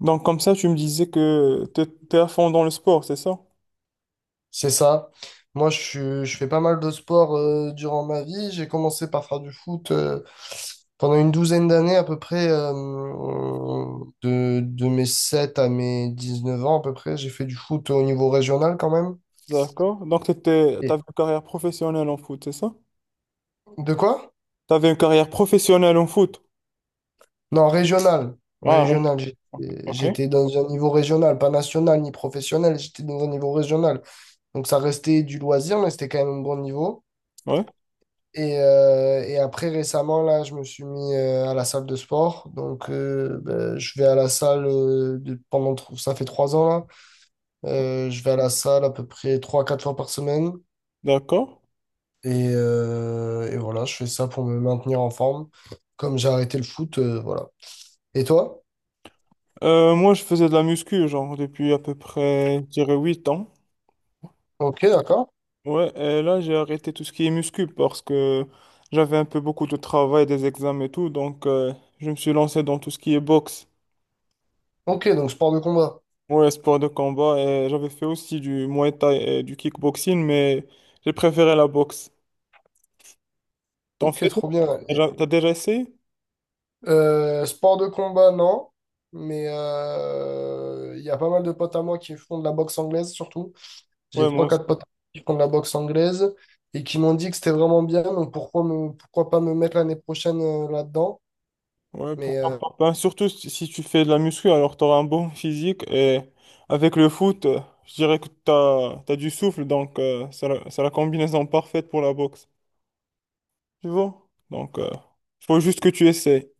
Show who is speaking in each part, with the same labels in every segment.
Speaker 1: Donc comme ça, tu me disais que t'es à fond dans le sport, c'est ça?
Speaker 2: C'est ça. Moi, je fais pas mal de sport durant ma vie. J'ai commencé par faire du foot pendant une douzaine d'années à peu près, de mes 7 à mes 19 ans à peu près. J'ai fait du foot au niveau régional quand même.
Speaker 1: D'accord. Donc t'avais une carrière professionnelle en foot, c'est ça?
Speaker 2: De quoi?
Speaker 1: T'avais une carrière professionnelle en foot.
Speaker 2: Non, régional.
Speaker 1: Ah, oui.
Speaker 2: Régional.
Speaker 1: Ok.
Speaker 2: J'étais dans un niveau régional, pas national ni professionnel. J'étais dans un niveau régional. Donc ça restait du loisir, mais c'était quand même un bon niveau.
Speaker 1: Ouais,
Speaker 2: Et après, récemment, là, je me suis mis à la salle de sport. Donc, ben, je vais à la salle ça fait 3 ans, là. Je vais à la salle à peu près trois, quatre fois par semaine.
Speaker 1: d'accord.
Speaker 2: Et voilà, je fais ça pour me maintenir en forme. Comme j'ai arrêté le foot, voilà. Et toi?
Speaker 1: Moi, je faisais de la muscu, genre, depuis à peu près, je dirais, 8 ans.
Speaker 2: Ok, d'accord.
Speaker 1: Ouais, et là j'ai arrêté tout ce qui est muscu parce que j'avais un peu beaucoup de travail, des examens et tout, donc je me suis lancé dans tout ce qui est boxe.
Speaker 2: Ok, donc sport de combat.
Speaker 1: Ouais, sport de combat, et j'avais fait aussi du Muay Thai et du kickboxing, mais j'ai préféré la boxe. T'en
Speaker 2: Ok,
Speaker 1: fais?
Speaker 2: trop bien.
Speaker 1: T'as déjà essayé?
Speaker 2: Sport de combat, non. Mais il y a pas mal de potes à moi qui font de la boxe anglaise, surtout. J'ai
Speaker 1: Ouais, moi
Speaker 2: trois,
Speaker 1: aussi.
Speaker 2: quatre potes qui font de la boxe anglaise et qui m'ont dit que c'était vraiment bien. Donc pourquoi pas me mettre l'année prochaine là-dedans?
Speaker 1: Ouais,
Speaker 2: Mais
Speaker 1: pourquoi pas. Ben, surtout si tu fais de la muscu, alors t'auras un bon physique et avec le foot, je dirais que t'as du souffle, donc c'est la combinaison parfaite pour la boxe. Tu vois? Donc, il faut juste que tu essaies.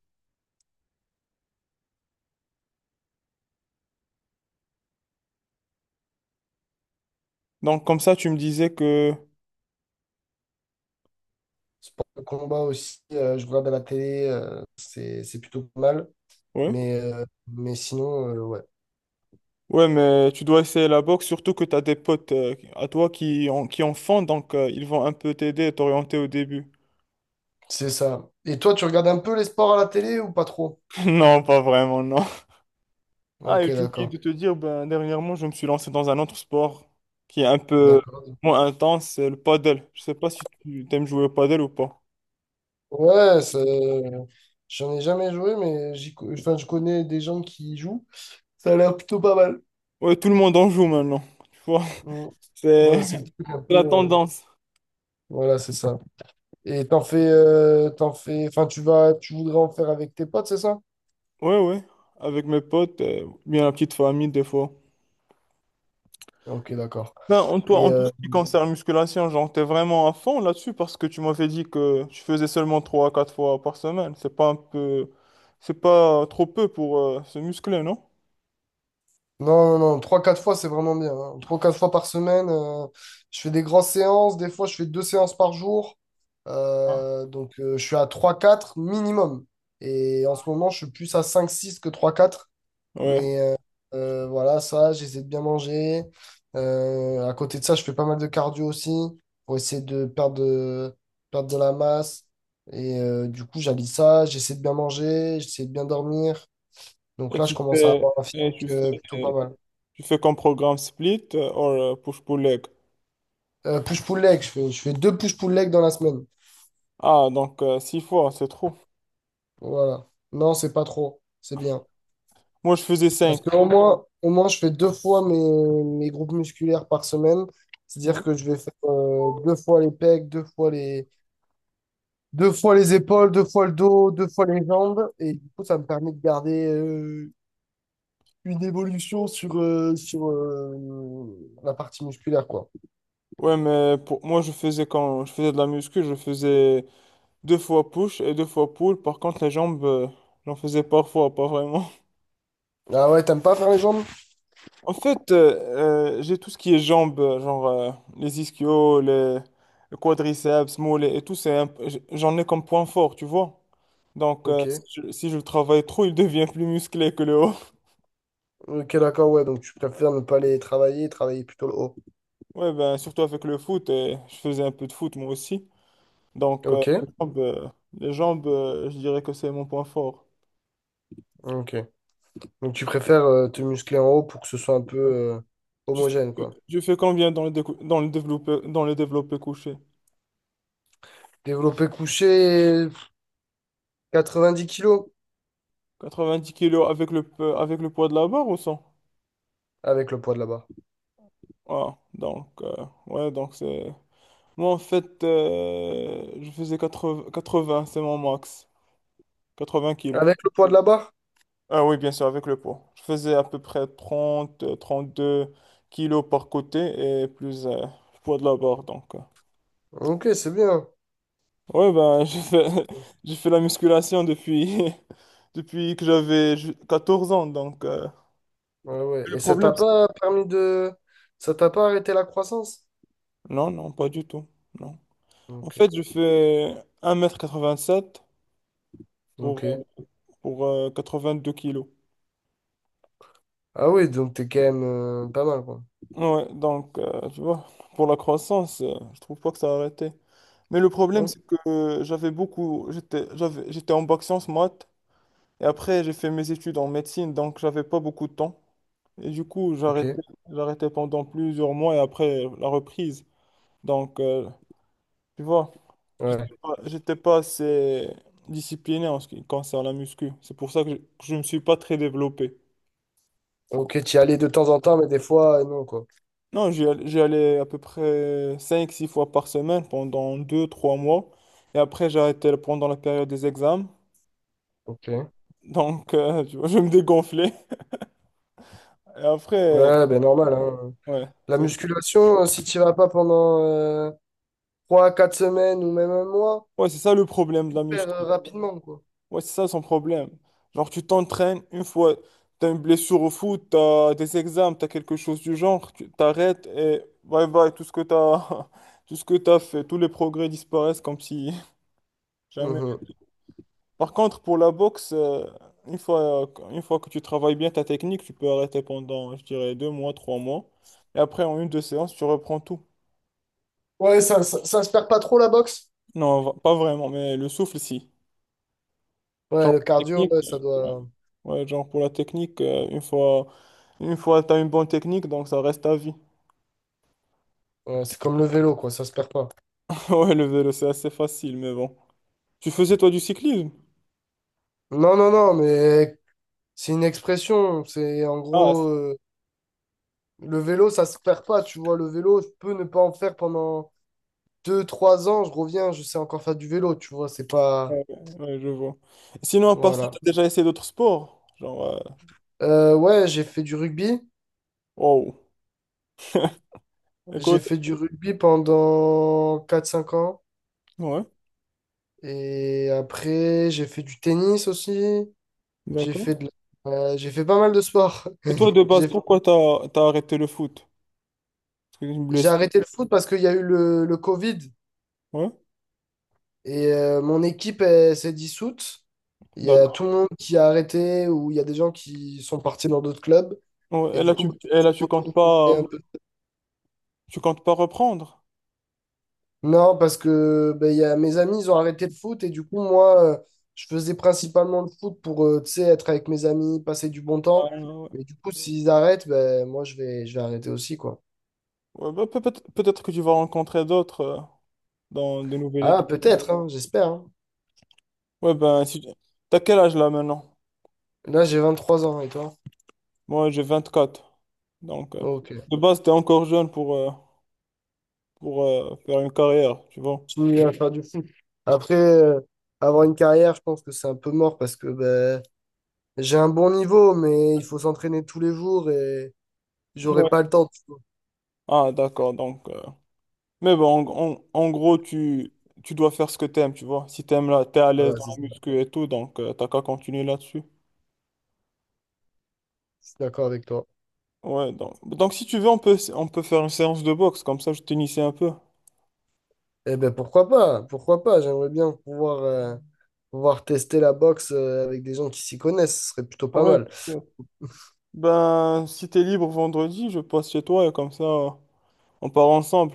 Speaker 1: Donc, comme ça, tu me disais que...
Speaker 2: sport de combat aussi, je regarde à la télé, c'est plutôt pas mal.
Speaker 1: Ouais.
Speaker 2: Mais sinon, ouais,
Speaker 1: Ouais, mais tu dois essayer la boxe, surtout que tu as des potes à toi qui en font, donc ils vont un peu t'aider et t'orienter au début.
Speaker 2: c'est ça. Et toi, tu regardes un peu les sports à la télé ou pas trop?
Speaker 1: Non, pas vraiment, non. Ah,
Speaker 2: Ok,
Speaker 1: et j'ai oublié de
Speaker 2: d'accord.
Speaker 1: te dire, ben, dernièrement, je me suis lancé dans un autre sport qui est un peu
Speaker 2: D'accord.
Speaker 1: moins intense, c'est le paddle. Je sais pas si tu aimes jouer au paddle ou pas.
Speaker 2: Ouais, j'en ai jamais joué, mais enfin, je connais des gens qui y jouent. Ça a l'air plutôt pas mal.
Speaker 1: Ouais, tout le monde en joue maintenant, tu vois.
Speaker 2: Mm.
Speaker 1: C'est
Speaker 2: Ouais, c'est le truc un
Speaker 1: c'est
Speaker 2: peu.
Speaker 1: la tendance.
Speaker 2: Voilà, c'est ça. Et t'en fais, enfin, tu voudrais en faire avec tes potes, c'est ça?
Speaker 1: Ouais, ouais, avec mes potes, bien la petite famille des fois.
Speaker 2: Ok, d'accord.
Speaker 1: Ben,
Speaker 2: Et
Speaker 1: en tout ce
Speaker 2: euh,
Speaker 1: qui concerne musculation, genre, t'es vraiment à fond là-dessus parce que tu m'avais dit que tu faisais seulement 3 à 4 fois par semaine. C'est pas un peu... C'est pas trop peu pour se muscler, non?
Speaker 2: non, non, non, 3-4 fois, c'est vraiment bien, hein. Trois quatre fois par semaine, je fais des grosses séances. Des fois, je fais deux séances par jour.
Speaker 1: Ah.
Speaker 2: Je suis à trois quatre minimum. Et en ce moment, je suis plus à cinq six que trois quatre.
Speaker 1: Ouais.
Speaker 2: Mais voilà, ça, j'essaie de bien manger. À côté de ça, je fais pas mal de cardio aussi pour essayer de perdre de la masse. Et du coup, j'allie ça, j'essaie de bien manger, j'essaie de bien dormir. Donc
Speaker 1: Et
Speaker 2: là, je
Speaker 1: tu
Speaker 2: commence à
Speaker 1: fais...
Speaker 2: avoir un physique
Speaker 1: Et tu
Speaker 2: plutôt pas
Speaker 1: fais...
Speaker 2: mal.
Speaker 1: Tu fais comme programme split ou push-pull leg.
Speaker 2: Push-pull leg, je fais deux push-pull leg dans la semaine.
Speaker 1: Ah, donc 6 fois, c'est trop.
Speaker 2: Voilà. Non, c'est pas trop. C'est bien.
Speaker 1: Moi, je faisais
Speaker 2: Parce
Speaker 1: 5.
Speaker 2: qu'au moins, au moins, je fais deux fois mes groupes musculaires par semaine. C'est-à-dire
Speaker 1: Ouais,
Speaker 2: que je vais faire deux fois les pecs, deux fois les épaules, deux fois le dos, deux fois les jambes. Et du coup, ça me permet de garder une évolution sur la partie musculaire, quoi.
Speaker 1: Ouais, mais pour moi je faisais quand je faisais de la muscu, je faisais Deux fois push et deux fois pull. Par contre, les jambes, j'en faisais parfois, pas vraiment.
Speaker 2: Ah ouais, t'aimes pas faire les jambes?
Speaker 1: En fait, j'ai tout ce qui est jambes, genre les ischios, le quadriceps, mollets et tout. C'est un p- j- J'en ai comme point fort, tu vois. Donc,
Speaker 2: Ok.
Speaker 1: si je le travaille trop, il devient plus musclé que le haut.
Speaker 2: Ok, d'accord, ouais. Donc, tu préfères ne pas les travailler, travailler plutôt le haut.
Speaker 1: Ouais, ben, surtout avec le foot. Et je faisais un peu de foot moi aussi. Donc, euh,
Speaker 2: Ok,
Speaker 1: les jambes, euh, les jambes, je dirais que c'est mon point fort.
Speaker 2: ok. Donc, tu préfères te muscler en haut pour que ce soit un peu
Speaker 1: Tu fais,
Speaker 2: homogène, quoi.
Speaker 1: tu fais combien dans le développé couché?
Speaker 2: Développé couché, 90 kilos
Speaker 1: 90 kilos avec le poids de la barre ou sans?
Speaker 2: avec le poids de la barre.
Speaker 1: Ah, donc, ouais, donc c'est. Moi, en fait, je faisais 80, 80, c'est mon max. 80 kilos.
Speaker 2: Avec le poids de la barre?
Speaker 1: Ah oui, bien sûr, avec le poids. Je faisais à peu près 30, 32 kilos par côté et plus le poids de la barre. Donc.
Speaker 2: Ok, c'est bien.
Speaker 1: Ouais, ben, j'ai fait la musculation depuis, depuis que j'avais 14 ans.
Speaker 2: Ouais, ouais.
Speaker 1: Le
Speaker 2: Et ça t'a
Speaker 1: problème, c'est-
Speaker 2: pas permis de... Ça t'a pas arrêté la croissance?
Speaker 1: non, non, pas du tout. Non. En
Speaker 2: Ok.
Speaker 1: fait, je fais 1,87 m pour,
Speaker 2: Ok.
Speaker 1: euh, pour deux kilos.
Speaker 2: Ah oui, donc t'es quand même pas mal, quoi.
Speaker 1: Ouais, donc, tu vois, pour la croissance, je trouve pas que ça a arrêté. Mais le problème,
Speaker 2: Ok.
Speaker 1: c'est que j'avais beaucoup, j'étais, j'avais, j'étais en bac sciences maths, et après, j'ai fait mes études en médecine, donc j'avais pas beaucoup de temps. Et du coup,
Speaker 2: Ok,
Speaker 1: j'arrêtais pendant plusieurs mois, et après, la reprise. Donc, tu vois,
Speaker 2: ouais.
Speaker 1: j'étais pas assez discipliné en ce qui concerne la muscu. C'est pour ça que que je me suis pas très développé.
Speaker 2: Ok, t'y allais de temps en temps, mais des fois, non, quoi.
Speaker 1: Non, j'y allais à peu près cinq, six fois par semaine pendant deux, trois mois. Et après, j'ai arrêté pendant la période des examens.
Speaker 2: Ok.
Speaker 1: Donc, tu vois, je me dégonflais. Et après,
Speaker 2: Ouais, ben normal, hein.
Speaker 1: ouais,
Speaker 2: La
Speaker 1: c'est
Speaker 2: musculation, si t'y vas pas pendant 3 4 semaines ou même un mois,
Speaker 1: ouais, c'est ça le problème de
Speaker 2: tu
Speaker 1: la
Speaker 2: perds
Speaker 1: muscu.
Speaker 2: rapidement, quoi.
Speaker 1: Ouais, c'est ça son problème. Genre, tu t'entraînes une fois, t'as une blessure au foot, t'as des examens, t'as quelque chose du genre, tu t'arrêtes et bye bye, tout ce que t'as, tout ce que t'as fait, tous les progrès disparaissent comme si jamais.
Speaker 2: Mhm.
Speaker 1: Par contre, pour la boxe, une fois que tu travailles bien ta technique, tu peux arrêter pendant, je dirais, deux mois, trois mois. Et après, en une, deux séances, tu reprends tout.
Speaker 2: Ouais, ça se perd pas trop, la boxe?
Speaker 1: Non, pas vraiment, mais le souffle, si.
Speaker 2: Ouais,
Speaker 1: Genre,
Speaker 2: le
Speaker 1: la
Speaker 2: cardio,
Speaker 1: technique,
Speaker 2: ouais, ça
Speaker 1: ouais.
Speaker 2: doit...
Speaker 1: Ouais, genre pour la technique, une fois tu as une bonne technique, donc ça reste à vie.
Speaker 2: Ouais, c'est comme le vélo, quoi, ça se perd pas.
Speaker 1: Ouais, le vélo, c'est assez facile, mais bon. Tu faisais, toi, du cyclisme?
Speaker 2: Non, non, non, mais c'est une expression, c'est en
Speaker 1: Ah, c'est-
Speaker 2: gros, le vélo, ça se perd pas, tu vois, le vélo, je peux ne pas en faire pendant deux trois ans, je reviens, je sais encore faire du vélo, tu vois, c'est pas...
Speaker 1: ouais, ouais, je vois. Sinon, à part ça, t'as
Speaker 2: Voilà.
Speaker 1: déjà essayé d'autres sports? Genre,
Speaker 2: Ouais,
Speaker 1: wow.
Speaker 2: j'ai
Speaker 1: Écoute,
Speaker 2: fait du rugby pendant quatre cinq ans,
Speaker 1: ouais,
Speaker 2: et après, j'ai fait du tennis aussi, j'ai
Speaker 1: d'accord.
Speaker 2: fait de... j'ai fait pas mal de sport.
Speaker 1: Et toi, de base,
Speaker 2: J'ai
Speaker 1: pourquoi t'as arrêté le foot? Parce que c'est une
Speaker 2: j'ai
Speaker 1: blessure.
Speaker 2: arrêté le foot parce qu'il y a eu le Covid.
Speaker 1: Ouais,
Speaker 2: Et mon équipe, elle s'est dissoute. Il y a
Speaker 1: d'accord.
Speaker 2: tout le monde qui a arrêté ou il y a des gens qui sont partis dans d'autres clubs. Et
Speaker 1: Ouais, et
Speaker 2: du
Speaker 1: là,
Speaker 2: coup, bah,
Speaker 1: et là,
Speaker 2: j'étais un peu-
Speaker 1: tu comptes pas reprendre.
Speaker 2: non, parce que bah, il y a mes amis, ils ont arrêté le foot. Et du coup, moi, je faisais principalement le foot pour tu sais, être avec mes amis, passer du bon
Speaker 1: Ah
Speaker 2: temps.
Speaker 1: ouais,
Speaker 2: Mais du coup, s'ils arrêtent, ben moi, je vais arrêter aussi, quoi.
Speaker 1: Ouais, bah, peut-être que tu vas rencontrer d'autres dans de nouvelles
Speaker 2: Ah,
Speaker 1: équipes.
Speaker 2: peut-être, hein, j'espère, hein.
Speaker 1: Ouais, ben, si, t'as quel âge là maintenant?
Speaker 2: Là, j'ai 23 ans, et toi?
Speaker 1: Moi, j'ai 24. Donc,
Speaker 2: Ok.
Speaker 1: de base, t'es encore jeune pour, faire une carrière, tu vois.
Speaker 2: Continue à faire du foot. Après, avoir une carrière, je pense que c'est un peu mort parce que ben j'ai un bon niveau, mais il faut s'entraîner tous les jours et j'aurai
Speaker 1: Ouais.
Speaker 2: pas le temps, tu vois.
Speaker 1: Ah, d'accord. Mais bon, en gros, tu dois faire ce que t'aimes, tu vois. Si t'aimes là, t'es à l'aise
Speaker 2: Voilà,
Speaker 1: dans
Speaker 2: c'est ça.
Speaker 1: la muscu et tout, donc t'as qu'à continuer là-dessus.
Speaker 2: Je suis d'accord avec toi.
Speaker 1: Ouais, donc, si tu veux, on peut faire une séance de boxe, comme ça je t'initie un peu.
Speaker 2: Eh ben pourquoi pas? Pourquoi pas? J'aimerais bien pouvoir tester la boxe avec des gens qui s'y connaissent. Ce serait plutôt pas
Speaker 1: Ouais, bien
Speaker 2: mal.
Speaker 1: sûr. Ben, si t'es libre vendredi, je passe chez toi et comme ça, on part ensemble.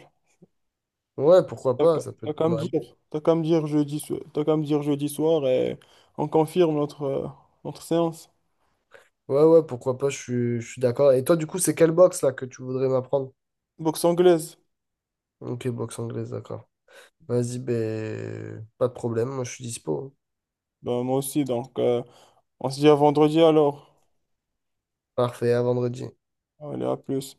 Speaker 2: Ouais, pourquoi pas? Ça peut être pas mal.
Speaker 1: T'as qu'à me dire jeudi soir et on confirme notre séance.
Speaker 2: Ouais, ouais, pourquoi pas? Je suis d'accord. Et toi, du coup, c'est quelle boxe là que tu voudrais m'apprendre?
Speaker 1: Boxe anglaise.
Speaker 2: Ok, boxe anglaise, d'accord. Vas-y, ben pas de problème. Moi, je suis dispo.
Speaker 1: Ben, moi aussi, donc on se dit à vendredi alors.
Speaker 2: Parfait, à vendredi.
Speaker 1: Allez, à plus.